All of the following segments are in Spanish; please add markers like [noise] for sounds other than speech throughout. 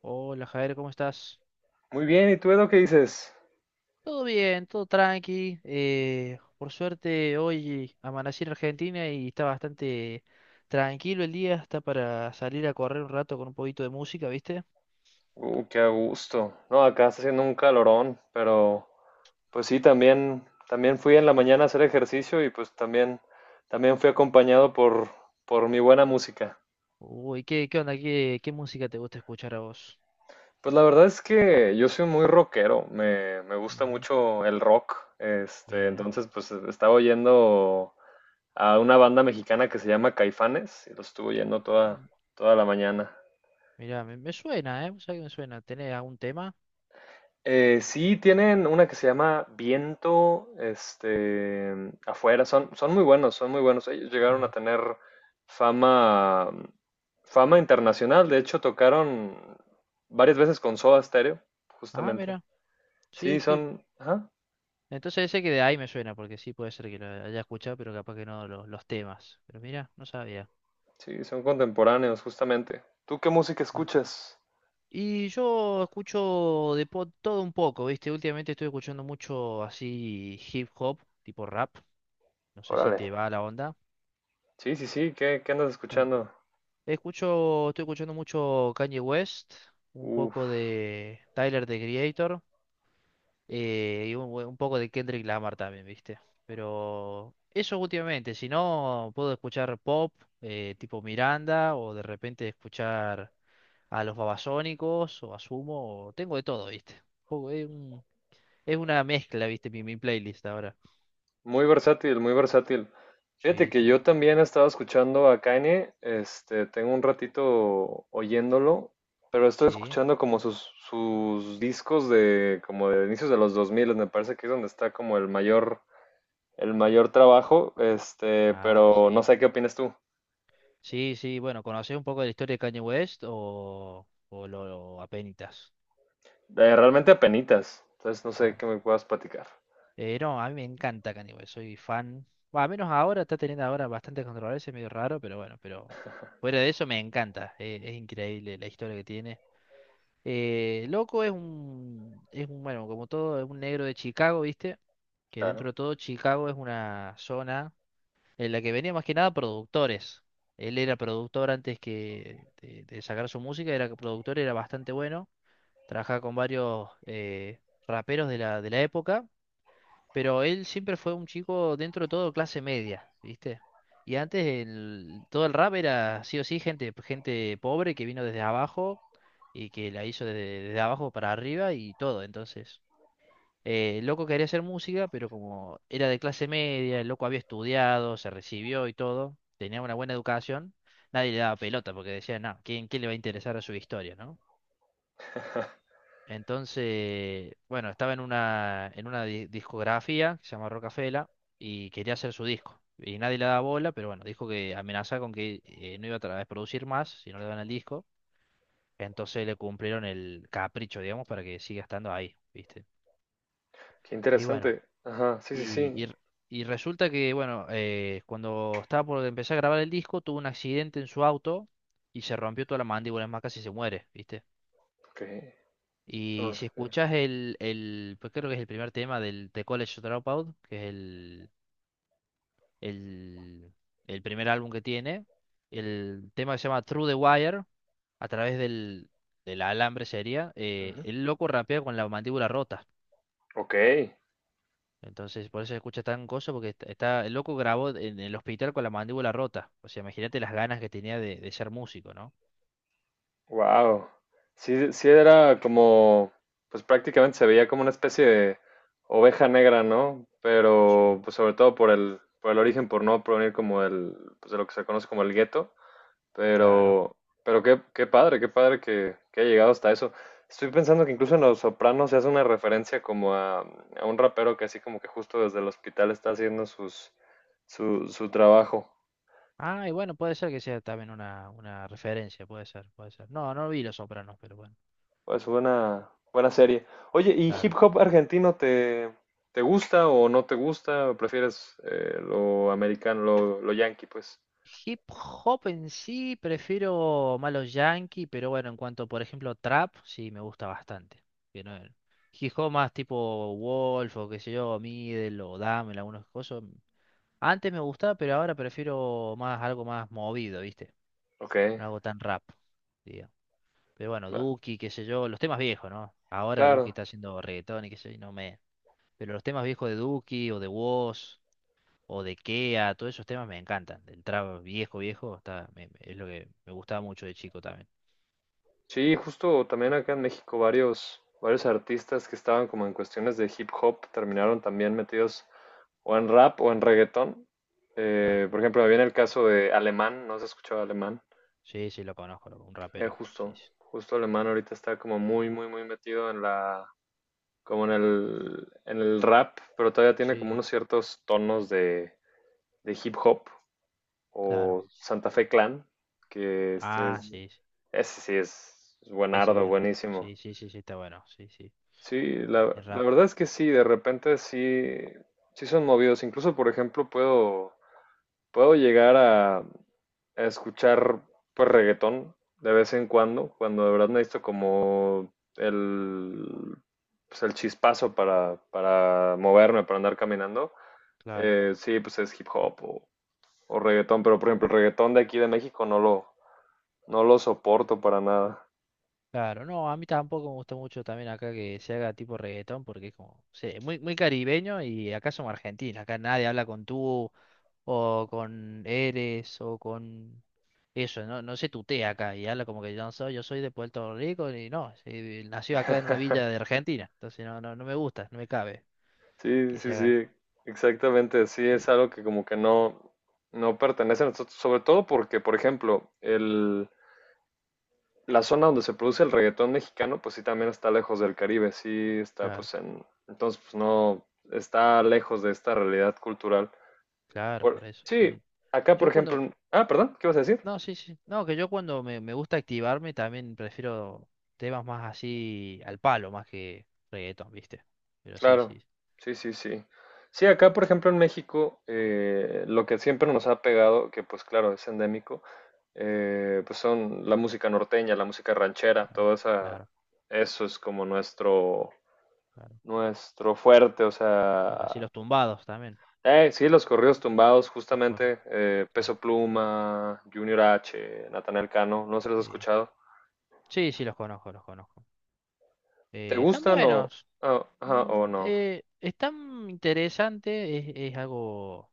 Hola Javier, ¿cómo estás? Muy bien, ¿y tú, Edo, qué dices? Todo bien, todo tranqui. Por suerte hoy amanecí en Argentina y está bastante tranquilo el día, está para salir a correr un rato con un poquito de música, ¿viste? Qué a gusto. No, acá está haciendo un calorón, pero pues sí, también fui en la mañana a hacer ejercicio y pues también fui acompañado por mi buena música. Uy, ¿qué onda? ¿Qué música te gusta escuchar a vos? Pues la verdad es que yo soy muy rockero, me gusta Mm, mucho el rock, este, Bien. entonces pues estaba oyendo a una banda mexicana que se llama Caifanes y lo estuve oyendo toda la mañana. Mira, me suena, ¿eh? ¿Sabes que me suena? ¿Tenés algún tema? Sí, tienen una que se llama Viento, este, afuera, son muy buenos, son muy buenos. Ellos llegaron a Claro. tener fama, fama internacional, de hecho tocaron varias veces con Soda Stereo, Ah, justamente. mira. Sí, Sí, sí. son, ajá, Entonces ese que de ahí me suena, porque sí puede ser que lo haya escuchado, pero capaz que no los temas. Pero mira, no sabía. sí, son contemporáneos, justamente. ¿Tú qué música escuchas? Y yo escucho de todo un poco, ¿viste? Últimamente estoy escuchando mucho así hip hop, tipo rap. No sé si Órale. te va la onda. Sí, sí, sí, ¿qué andas Claro. escuchando? Estoy escuchando mucho Kanye West, un Uf. poco de Tyler, the Creator, y un poco de Kendrick Lamar también, ¿viste? Pero eso últimamente, si no, puedo escuchar pop, tipo Miranda, o de repente escuchar a los Babasónicos, o a Sumo, o tengo de todo, ¿viste? Un poco, es una mezcla, viste, mi playlist ahora. Muy versátil, muy versátil. Fíjate Sí, que sí, yo también he estado escuchando a Kanye, este, tengo un ratito oyéndolo, pero estoy sí. escuchando como sus discos de como de inicios de los 2000 me parece que es donde está como el mayor trabajo, este, Ah, pero no sí. sé qué opinas tú. Sí, sí, bueno, ¿conocés un poco de la historia de Kanye West o lo apenitas? Realmente apenitas, entonces no sé Claro. qué me puedas platicar. No, a mí me encanta Kanye West, soy fan. Bueno, al menos ahora, está teniendo ahora bastante controversia, medio raro, pero bueno, pero fuera de eso me encanta. Es increíble la historia que tiene. Loco bueno, como todo, es un negro de Chicago, ¿viste? Que Claro. dentro de todo Chicago es una zona en la que venía más que nada productores. Él era productor antes que de sacar su música, era productor, era bastante bueno, trabajaba con varios raperos de la época, pero él siempre fue un chico dentro de todo clase media, ¿viste? Y antes todo el rap era sí o sí gente pobre que vino desde abajo y que la hizo desde abajo para arriba y todo, entonces. El loco quería hacer música, pero como era de clase media, el loco había estudiado, se recibió y todo, tenía una buena educación, nadie le daba pelota porque decía, no, ¿quién le va a interesar a su historia, no? Entonces, bueno, estaba en una discografía que se llama Rocafela y quería hacer su disco. Y nadie le daba bola, pero bueno, dijo que amenazaba con que no iba a a producir más si no le daban el disco. Entonces le cumplieron el capricho, digamos, para que siga estando ahí, ¿viste? Qué Y bueno. interesante. Ajá, sí, sí, Y, sí. y r- y resulta que, bueno, cuando estaba por empezar a grabar el disco, tuvo un accidente en su auto y se rompió toda la mandíbula, es más, casi se muere, ¿viste? Ok, eso no Y lo si sabía. escuchás pues creo que es el primer tema del The College Dropout, que es el, el primer álbum que tiene, el tema que se llama Through the Wire, a través del alambre sería, Ujú. el loco rapea con la mandíbula rota. Ok. Entonces, por eso se escucha tan gozo, porque está, el loco grabó en el hospital con la mandíbula rota. O sea, imagínate las ganas que tenía de ser músico, ¿no? Wow. Sí, sí era como, pues prácticamente se veía como una especie de oveja negra, ¿no? Sí. Pero pues sobre todo por el origen, por no provenir como el, pues de lo que se conoce como el gueto. Claro. Pero, pero qué, qué padre, que haya llegado hasta eso. Estoy pensando que incluso en Los Sopranos se hace una referencia como a un rapero que así como que justo desde el hospital está haciendo su trabajo. Ah, y bueno, puede ser que sea también una referencia, puede ser, puede ser. No, no vi Los Sopranos, pero bueno, Pues buena, buena serie. Oye, ¿y hip claro. hop argentino te, te gusta o no te gusta? ¿O prefieres lo americano, lo yankee, pues? Hip hop en sí, prefiero más los yankee, pero bueno, en cuanto, por ejemplo, trap, sí me gusta bastante. Que no- Hip hop más tipo Wolf o qué sé yo, Middle o Damel, algunos cosas. Antes me gustaba, pero ahora prefiero más algo más movido, ¿viste? Ok, No hago tan rap, digo. Pero bueno, cla- Duki, qué sé yo, los temas viejos, ¿no? Ahora Duki claro. está haciendo reggaetón y qué sé yo, y no me... Pero los temas viejos de Duki o de Wos o de Kea, todos esos temas me encantan. El trap viejo, viejo, es lo que me gustaba mucho de chico también. Sí, justo también acá en México varios artistas que estaban como en cuestiones de hip hop terminaron también metidos o en rap o en reggaetón. Claro. Por ejemplo, me viene el caso de Alemán, no se escuchaba Alemán. Sí, sí, lo conozco, loco, un Eh, rapero. Sí, justo, sí. justo Alemán ahorita está como muy metido en la como en el rap, pero todavía tiene como Sí, unos ciertos tonos de hip hop claro. o Santa Fe Clan, que este Ah, es, sí, sí. ese sí es, Ese es buenardo, bien rap. buenísimo. Sí, sí, sí, sí, está bueno. Sí, sí. Sí, Bien la rap, verdad es que sí, de repente sí, sí son movidos. Incluso, por ejemplo, Puedo llegar a escuchar pues reggaetón de vez en cuando, cuando de verdad necesito como el, pues, el chispazo para moverme, para andar caminando. claro. Sí, pues es hip hop o reggaetón, pero por ejemplo, el reggaetón de aquí de México no lo soporto para nada. Claro, no, a mí tampoco me gusta mucho también acá que se haga tipo reggaetón porque es como, sí, muy, muy caribeño y acá somos argentinos, acá nadie habla con tú o con eres o con eso, no, no se tutea acá y habla como que yo no soy, yo soy de Puerto Rico y no, sí, nació acá en una villa de [laughs] Argentina, entonces no, no, no me gusta, no me cabe Sí, que se sí, haga. sí, exactamente, sí, es y- algo que como que no, no pertenece a nosotros, sobre todo porque, por ejemplo, el, la zona donde se produce el reggaetón mexicano, pues sí también está lejos del Caribe, sí está claro, pues en, entonces pues no, está lejos de esta realidad cultural. claro, Por, por eso sí, sí. acá por Yo ejemplo, cuando, ah, perdón, ¿qué ibas a decir? No, sí, sí. No, que yo cuando me gusta activarme también prefiero temas más así al palo, más que reggaetón, ¿viste? Pero sí, Claro, sí. sí, sí, sí. Sí, acá por ejemplo en México, lo que siempre nos ha pegado, que pues claro, es endémico, pues son la música norteña, la música ranchera, Claro, todo esa, claro, eso es como claro. nuestro fuerte, o Claro, así sea, los tumbados también. Sí, los corridos tumbados, Me acuerdo, justamente, claro. Peso Pluma, Junior H, Natanael Cano, no se los he Sí. escuchado. Sí, sí, los conozco, los conozco. ¿Te Están gustan buenos. ah, ajá, o no? Están interesantes, es algo.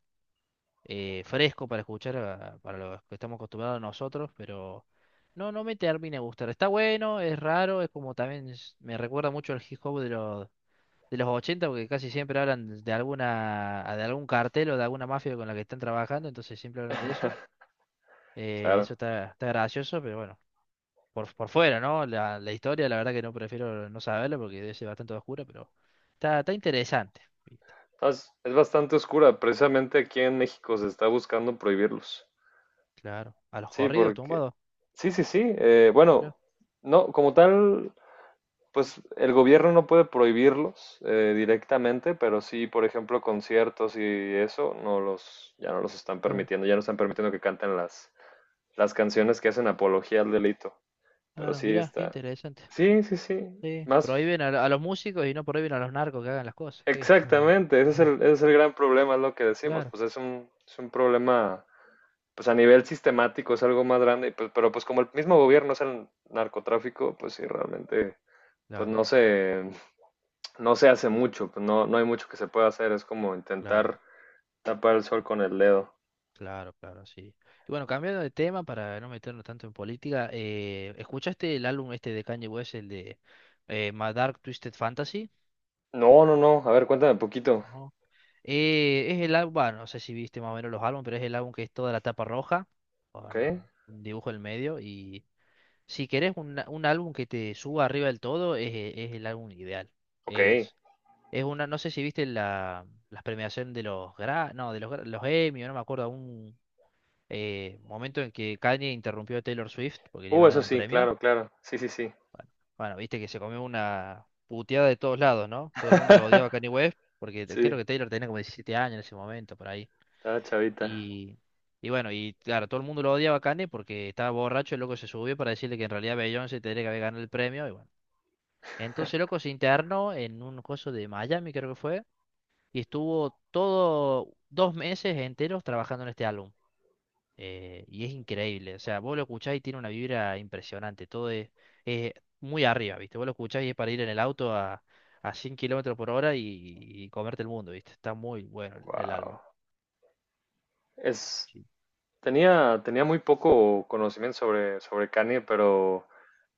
Fresco para escuchar para los que estamos acostumbrados nosotros, pero no, no me termina de gustar. Está bueno, es raro, es como también me recuerda mucho al hip hop de los 80 porque casi siempre hablan de de algún cartel o de alguna mafia con la que están trabajando, entonces siempre hablan de eso. [laughs] Eso Claro. está gracioso, pero bueno, por fuera, ¿no? La historia, la verdad que no prefiero no saberlo porque debe ser bastante oscura, pero está interesante, ¿viste? Entonces, es bastante oscura, precisamente aquí en México se está buscando prohibirlos. Claro. A los Sí, corridos porque... tumbados. Sí, sí, sí. Mirá, Bueno, no, como tal, pues el gobierno no puede prohibirlos directamente, pero sí, por ejemplo, conciertos y eso, ya no los están claro. permitiendo, ya no están permitiendo que canten las canciones que hacen apología al delito. Pero Claro, sí mirá, qué está. interesante. Sí, sí, sí. Sí, Más prohíben a los músicos y no prohíben a los narcos que hagan las cosas. ¿Qué? exactamente. [laughs] Ese es el gran problema, es lo que decimos. Claro, Es un problema, pues a nivel sistemático es algo más grande. Pero pues como el mismo gobierno es el narcotráfico, pues sí, realmente, pues claro, no se, no se hace mucho. Pues no, no hay mucho que se pueda hacer. Es como claro, intentar tapar el sol con el dedo. claro, claro, sí. Y bueno, cambiando de tema para no meternos tanto en política, ¿escuchaste el álbum este de Kanye West, el de My Dark Twisted Fantasy? No, no, no. A ver, cuéntame un poquito. No. Es el álbum, bueno, no sé si viste más o menos los álbumes, pero es el álbum que es toda la tapa roja, con Ok, un dibujo en el medio, y si querés un álbum que te suba arriba del todo, es el álbum ideal. ok. Es una, no sé si viste las premiaciones de no, de los Emmy, no me acuerdo, un momento en que Kanye interrumpió a Taylor Swift porque le iban a dar Eso un sí, premio. claro, claro. Sí, sí, sí. Bueno, viste que se comió una puteada de todos lados, ¿no? Todo el mundo lo odiaba a [laughs] Kanye West porque creo Sí, que Taylor tenía como 17 años en ese momento, por ahí. estaba chavita. Y, y bueno, y claro, todo el mundo lo odiaba a Kanye porque estaba borracho, el loco se subió para decirle que en realidad Beyoncé tendría que haber ganado el premio y bueno. Entonces, el loco, se internó en un coso de Miami, creo que fue, y estuvo todo 2 meses enteros trabajando en este álbum. Y es increíble, o sea, vos lo escuchás y tiene una vibra impresionante, todo es muy arriba, ¿viste? Vos lo escuchás y es para ir en el auto a 100 km/h y comerte el mundo, ¿viste? Está muy bueno el álbum. Wow. Es, Sí, tenía, tenía muy poco conocimiento sobre Kanye, pero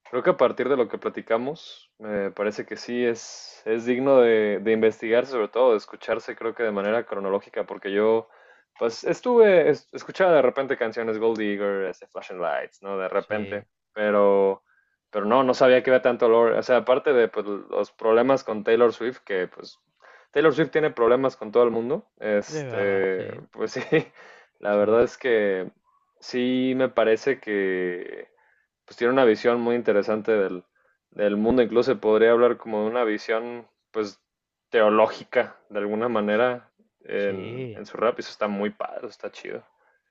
creo que a partir de lo que platicamos, me parece que sí es digno de investigarse, sobre todo de escucharse, creo que de manera cronológica, porque yo, pues, escuchaba de repente canciones Gold Digger, este, Flashing Lights, ¿no? De sí, repente, es pero, pero no, no sabía que había tanto olor. O sea, aparte de, pues, los problemas con Taylor Swift, que, pues, Taylor Swift tiene problemas con todo el mundo, verdad, este, sí, pues sí, [laughs] la sí, verdad sí, es que sí me parece que pues tiene una visión muy interesante del mundo, incluso se podría hablar como de una visión pues teológica de alguna manera sí, en su rap y eso está muy padre, eso está chido.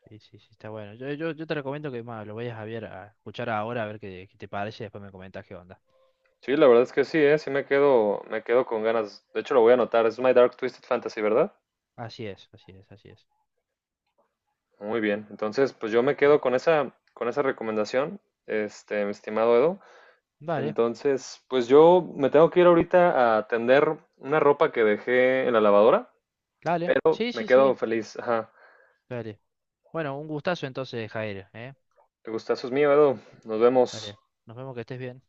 sí, sí, sí, está bueno. Yo te recomiendo que más lo vayas a escuchar ahora, a ver qué te parece, y después me comentas qué onda. Sí, la verdad es que sí, ¿eh? Sí me quedo con ganas. De hecho, lo voy a anotar. Es My Dark Twisted Fantasy, ¿verdad? Así es, así es, así es. Muy bien. Entonces, pues yo me Bueno, quedo con esa recomendación, este, mi estimado Edo. vale. Entonces, pues yo me tengo que ir ahorita a tender una ropa que dejé en la lavadora, Dale. pero Sí, me sí, quedo sí. feliz. Ajá. Dale. Bueno, un gustazo entonces, Jair, ¿eh? Te Gustazos mío, Edu. Nos vemos. Dale. Nos vemos que estés bien.